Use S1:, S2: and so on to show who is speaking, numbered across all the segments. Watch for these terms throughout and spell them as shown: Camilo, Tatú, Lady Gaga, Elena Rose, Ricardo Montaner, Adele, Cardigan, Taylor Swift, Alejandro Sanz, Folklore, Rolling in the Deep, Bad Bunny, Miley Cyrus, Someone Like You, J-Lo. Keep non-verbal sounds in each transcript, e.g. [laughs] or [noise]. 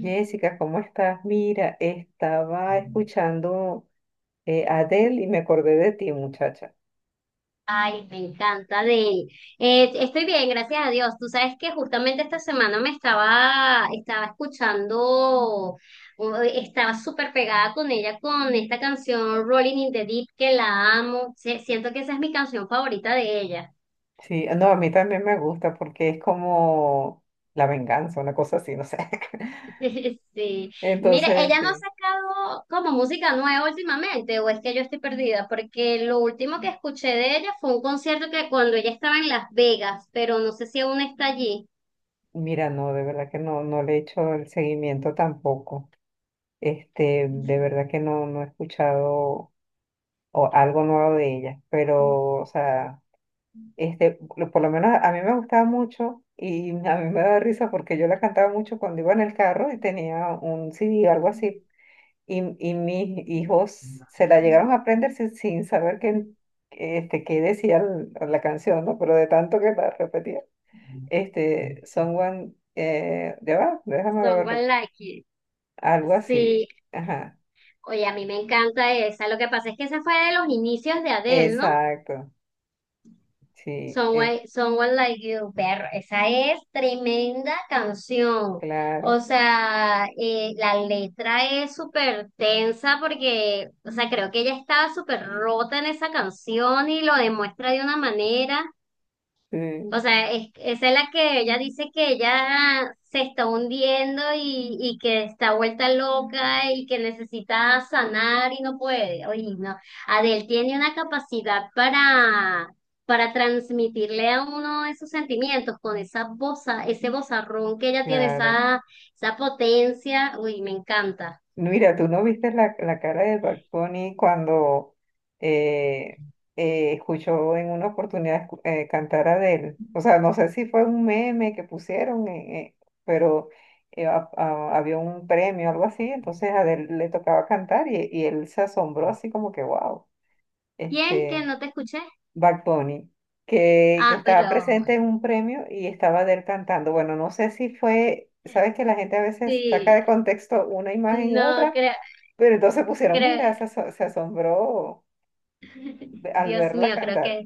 S1: Jessica, ¿cómo estás? Mira, estaba escuchando a Adele y me acordé de ti, muchacha.
S2: Ay, me encanta, Adel. Estoy bien, gracias a Dios. Tú sabes que justamente esta semana estaba escuchando, estaba súper pegada con ella con esta canción Rolling in the Deep, que la amo. Siento que esa es mi canción favorita de ella.
S1: Sí, no, a mí también me gusta porque es como la venganza, una cosa así, no sé. [laughs]
S2: [laughs] Sí. Mire,
S1: Entonces,
S2: ella no ha
S1: sí,
S2: sacado como música nueva últimamente, o es que yo estoy perdida, porque lo último que escuché de ella fue un concierto que cuando ella estaba en Las Vegas, pero no sé si aún está allí.
S1: mira, no, de verdad que no, le he hecho el seguimiento tampoco. De verdad que no, algo nuevo de ella, pero, o sea... Por lo menos a mí me gustaba mucho y a mí me daba risa porque yo la cantaba mucho cuando iba en el carro y tenía un CD o algo así. Y mis hijos se la llegaron a aprender sin saber qué, qué decía la canción, ¿no? Pero de tanto que la repetía. Someone, ya va, déjame ver,
S2: Someone Like It.
S1: algo así.
S2: Sí,
S1: Ajá,
S2: oye, a mí me encanta esa. Lo que pasa es que esa fue de los inicios de Adele, ¿no?
S1: exacto, sí,
S2: Someone, Someone Like You, perro. Esa es tremenda canción.
S1: claro,
S2: O sea, la letra es súper tensa porque, o sea, creo que ella estaba súper rota en esa canción y lo demuestra de una manera.
S1: sí,
S2: O sea, esa es la que ella dice que ella se está hundiendo y que está vuelta loca y que necesita sanar y no puede. Oye, no. Adele tiene una capacidad para transmitirle a uno esos sentimientos con esa voz, ese vozarrón que ella tiene,
S1: claro.
S2: esa potencia. Uy, me encanta.
S1: Mira, tú no viste la cara de Bad Bunny cuando eh, escuchó en una oportunidad cantar a Adele. O sea, no sé si fue un meme que pusieron, pero había un premio, algo así, entonces a Adele le tocaba cantar y él se asombró así como que, wow,
S2: ¿Quién que
S1: este
S2: no te escuché?
S1: Bad Bunny, que
S2: Ah,
S1: estaba
S2: pero
S1: presente en un premio y estaba Adele cantando. Bueno, no sé si fue, sabes que la gente a veces saca
S2: sí,
S1: de contexto una imagen y
S2: no
S1: otra,
S2: creo,
S1: pero entonces pusieron,
S2: creo,
S1: mira, se, se asombró
S2: [laughs]
S1: al
S2: Dios
S1: verla
S2: mío, creo
S1: cantar.
S2: que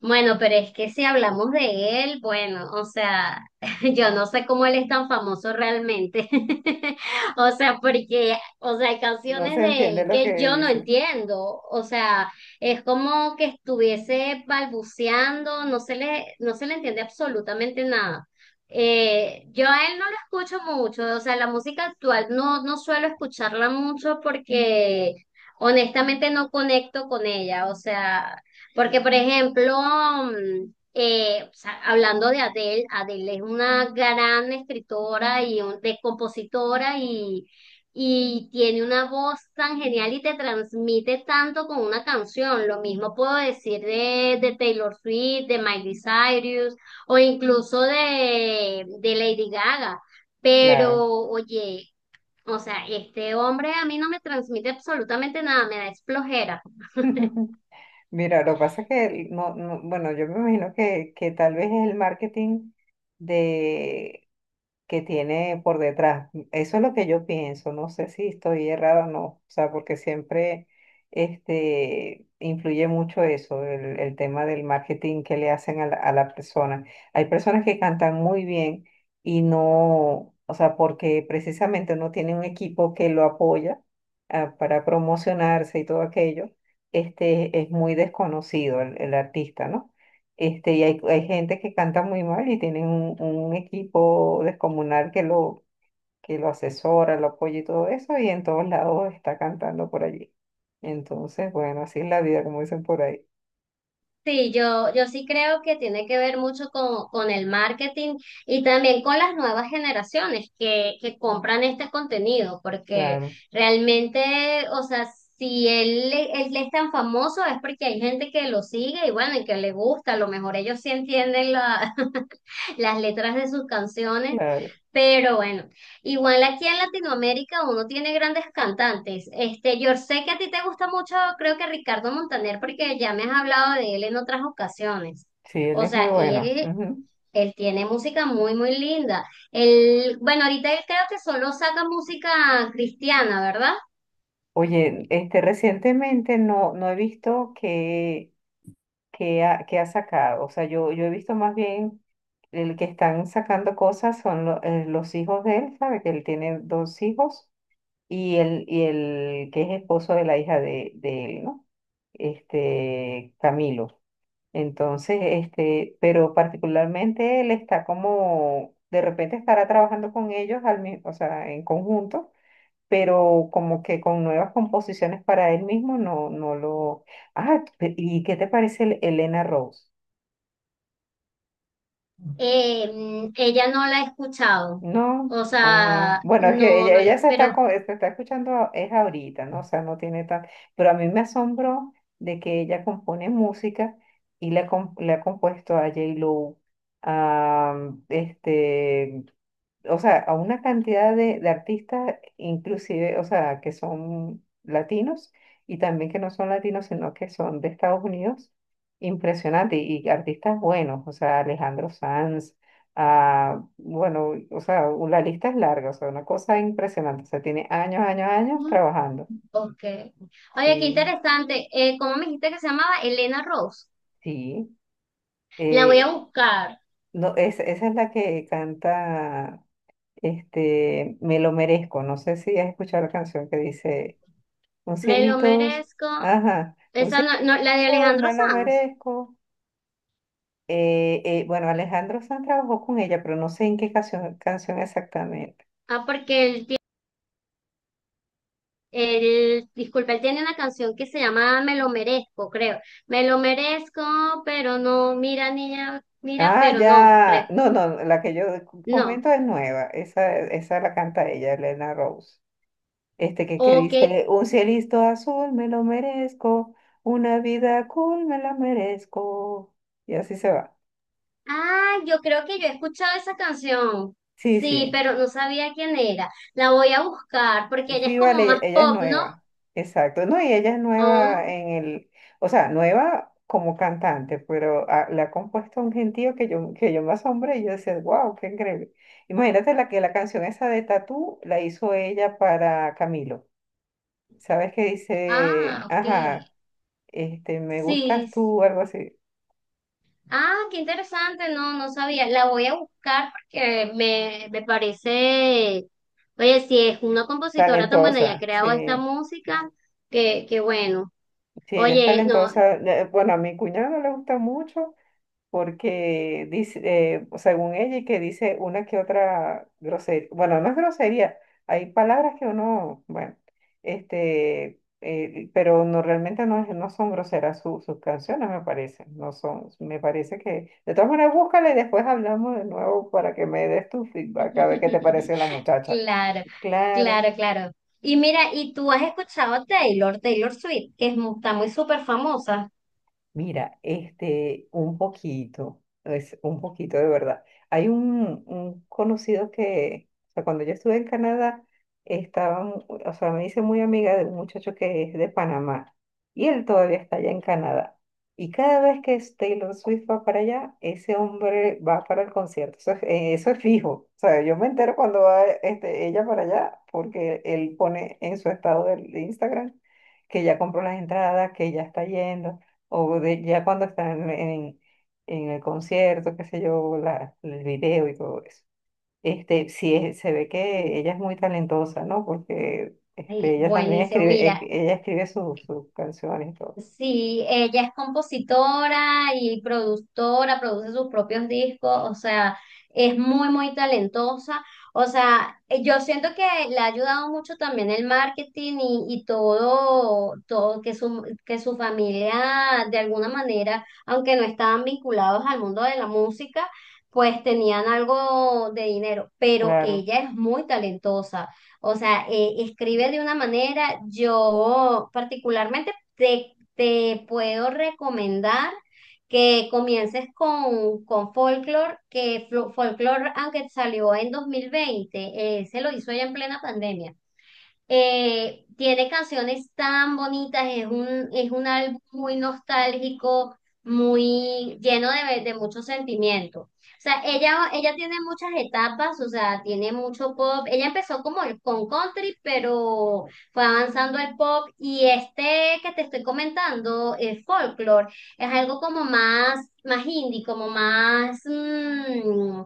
S2: bueno, pero es que si hablamos de él, bueno, o sea, [laughs] yo no sé cómo él es tan famoso realmente. [laughs] O sea, porque, o sea, hay
S1: No
S2: canciones
S1: se
S2: de
S1: entiende
S2: él
S1: lo
S2: que
S1: que
S2: yo no
S1: dice.
S2: entiendo. O sea, es como que estuviese balbuceando, no se le entiende absolutamente nada. Yo a él no lo escucho mucho, o sea, la música actual no suelo escucharla mucho porque honestamente no conecto con ella. O sea, porque, por ejemplo, o sea, hablando de Adele, Adele es una gran escritora de compositora y tiene una voz tan genial y te transmite tanto con una canción. Lo mismo puedo decir de Taylor Swift, de Miley Cyrus o incluso de Lady Gaga. Pero,
S1: Claro.
S2: oye, o sea, este hombre a mí no me transmite absolutamente nada, me da es flojera.
S1: [laughs] Mira, lo que pasa es que, bueno, yo me imagino que tal vez es el marketing de que tiene por detrás. Eso es lo que yo pienso, no sé si estoy errada o no, o sea, porque siempre influye mucho eso, el tema del marketing que le hacen a la persona. Hay personas que cantan muy bien y no, o sea, porque precisamente no tiene un equipo que lo apoya, para promocionarse y todo aquello, es muy desconocido el artista, ¿no? Y hay gente que canta muy mal y tienen un equipo descomunal que lo asesora, lo apoya y todo eso, y en todos lados está cantando por allí. Entonces, bueno, así es la vida, como dicen por ahí.
S2: Sí, yo sí creo que tiene que ver mucho con el marketing y también con las nuevas generaciones que compran este contenido, porque
S1: Claro,
S2: realmente, o sea, si él, él es tan famoso es porque hay gente que lo sigue y bueno, y que le gusta, a lo mejor ellos sí entienden la, las letras de sus canciones.
S1: claro.
S2: Pero bueno, igual aquí en Latinoamérica uno tiene grandes cantantes. Este, yo sé que a ti te gusta mucho, creo que Ricardo Montaner, porque ya me has hablado de él en otras ocasiones.
S1: Sí, él
S2: O
S1: es muy
S2: sea,
S1: bueno.
S2: él,
S1: Ujú.
S2: él tiene música muy, muy linda. Él, bueno, ahorita él creo que solo saca música cristiana, ¿verdad?
S1: Oye, recientemente no, no he visto que, que ha sacado. O sea, yo he visto más bien el que están sacando cosas son los hijos de él, ¿sabe? Que él tiene dos hijos y el que es esposo de la hija de él, ¿no? Camilo. Entonces, pero particularmente él está como, de repente estará trabajando con ellos o sea, en conjunto, pero como que con nuevas composiciones para él mismo, no, no lo. ¿Y qué te parece Elena Rose?
S2: Ella no la he escuchado.
S1: No,
S2: O
S1: ah,
S2: sea,
S1: bueno, es que
S2: no,
S1: ella,
S2: no
S1: ella
S2: le,
S1: se está,
S2: pero
S1: se está escuchando, es ahorita, ¿no? O sea, no tiene tan... Pero a mí me asombró de que ella compone música y le, le ha compuesto a J-Lo, a, o sea, a una cantidad de artistas, inclusive, o sea, que son latinos y también que no son latinos, sino que son de Estados Unidos, impresionante, y artistas buenos, o sea, Alejandro Sanz, ah, bueno, o sea, la lista es larga, o sea, una cosa impresionante, o sea, tiene años, años, años trabajando.
S2: ok. Oye, qué
S1: Sí,
S2: interesante. ¿Cómo me dijiste que se llamaba? Elena Rose.
S1: sí.
S2: La voy a
S1: eh,
S2: buscar.
S1: no, esa es la que canta, Me lo merezco, no sé si has escuchado la canción que dice... Un
S2: Me lo
S1: cielito,
S2: merezco.
S1: ajá, un
S2: Esa no,
S1: cielito
S2: no, la de
S1: azul,
S2: Alejandro
S1: me lo
S2: Sanz.
S1: merezco. Bueno, Alejandro Sanz trabajó con ella, pero no sé en qué canción exactamente.
S2: Ah, porque él tiene, él, disculpa, él tiene una canción que se llama Me lo merezco, creo. Me lo merezco, pero no. Mira, niña, mira,
S1: Ah,
S2: pero no, creo.
S1: ya, no, no, la que yo
S2: No.
S1: comento es nueva, esa la canta ella, Elena Rose. Este que
S2: Ok.
S1: dice, un cielito azul, me lo merezco, una vida cool, me la merezco. Y así se va.
S2: Ah, yo creo que yo he escuchado esa canción.
S1: Sí,
S2: Sí,
S1: sí.
S2: pero no sabía quién era. La voy a buscar porque ella es
S1: Sí,
S2: como
S1: vale,
S2: más
S1: ella es
S2: pop, ¿no?
S1: nueva. Exacto. No, y ella es
S2: Ah.
S1: nueva en el, o sea, nueva como cantante, pero le ha compuesto un gentío que yo me asombré y yo decía, wow, qué increíble. Imagínate la que la canción esa de Tatú la hizo ella para Camilo. ¿Sabes qué dice?
S2: Ah, ok.
S1: Ajá, me
S2: Sí.
S1: gustas
S2: s-
S1: tú, algo así.
S2: Ah, qué interesante. No, no sabía. La voy a buscar porque me parece. Oye, si es una compositora tan buena y ha
S1: Talentosa,
S2: creado esta
S1: sí,
S2: música, que bueno.
S1: sí, ella es
S2: Oye, no.
S1: talentosa. Bueno, a mi cuñado le gusta mucho. Porque dice, según ella, y que dice una que otra grosería, bueno, no es grosería, hay palabras que uno, bueno, pero no realmente no, no son groseras sus canciones, me parece, no son, me parece que, de todas maneras, búscala y después hablamos de nuevo para que me des tu feedback, a ver qué te pareció la
S2: [laughs]
S1: muchacha.
S2: Claro,
S1: Claro.
S2: claro, claro. Y mira, ¿y tú has escuchado a Taylor Swift, que es está muy súper famosa?
S1: Mira, un poquito, es un poquito de verdad. Hay un conocido que, o sea, cuando yo estuve en Canadá, estaban, o sea, me hice muy amiga de un muchacho que es de Panamá y él todavía está allá en Canadá. Y cada vez que es Taylor Swift va para allá, ese hombre va para el concierto. Eso es fijo. O sea, yo me entero cuando va ella para allá porque él pone en su estado de Instagram que ya compró las entradas, que ya está yendo o de, ya cuando están en el concierto, qué sé yo, la, el video y todo eso. Sí, se ve
S2: Sí.
S1: que ella es muy talentosa, ¿no? Porque
S2: Ay,
S1: ella también
S2: buenísimo.
S1: escribe,
S2: Mira,
S1: ella escribe sus canciones y todo.
S2: sí, ella es compositora y productora, produce sus propios discos, o sea, es muy, muy talentosa. O sea, yo siento que le ha ayudado mucho también el marketing y todo, todo que que su familia de alguna manera, aunque no estaban vinculados al mundo de la música, pues tenían algo de dinero, pero
S1: Claro.
S2: ella es muy talentosa. O sea, escribe de una manera, yo particularmente... te puedo recomendar que comiences con Folklore, que Folklore, aunque salió en 2020, se lo hizo ya en plena pandemia. Tiene canciones tan bonitas, es un álbum muy nostálgico, muy lleno de mucho sentimiento. O sea, ella tiene muchas etapas, o sea, tiene mucho pop. Ella empezó con country, pero fue avanzando al pop. Y este que te estoy comentando, el folklore, es algo como más, más indie, como más,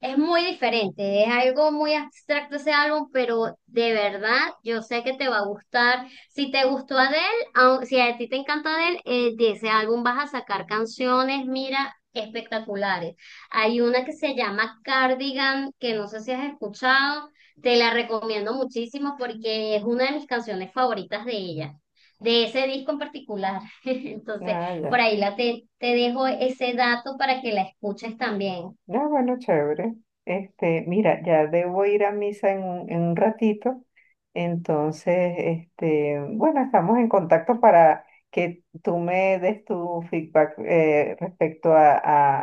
S2: es muy diferente, es algo muy abstracto ese álbum, pero de verdad yo sé que te va a gustar. Si te gustó Adele, si a ti te encanta Adele, de ese álbum vas a sacar canciones, mira, espectaculares. Hay una que se llama Cardigan, que no sé si has escuchado, te la recomiendo muchísimo porque es una de mis canciones favoritas de ella, de ese disco en particular. [laughs] Entonces,
S1: Ah,
S2: por
S1: ya.
S2: ahí te dejo ese dato para que la escuches también.
S1: Ah, bueno, chévere. Mira, ya debo ir a misa en un ratito. Entonces, bueno, estamos en contacto para que tú me des tu feedback respecto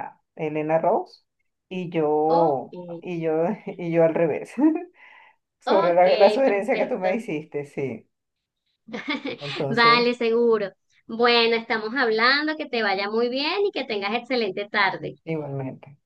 S1: a Elena Rose
S2: Ok,
S1: y yo [laughs] y yo al revés [laughs] sobre
S2: ok,
S1: la, la sugerencia que tú me
S2: perfecto.
S1: hiciste, sí.
S2: [laughs]
S1: Entonces,
S2: Vale, seguro. Bueno, estamos hablando, que te vaya muy bien y que tengas excelente tarde.
S1: igualmente.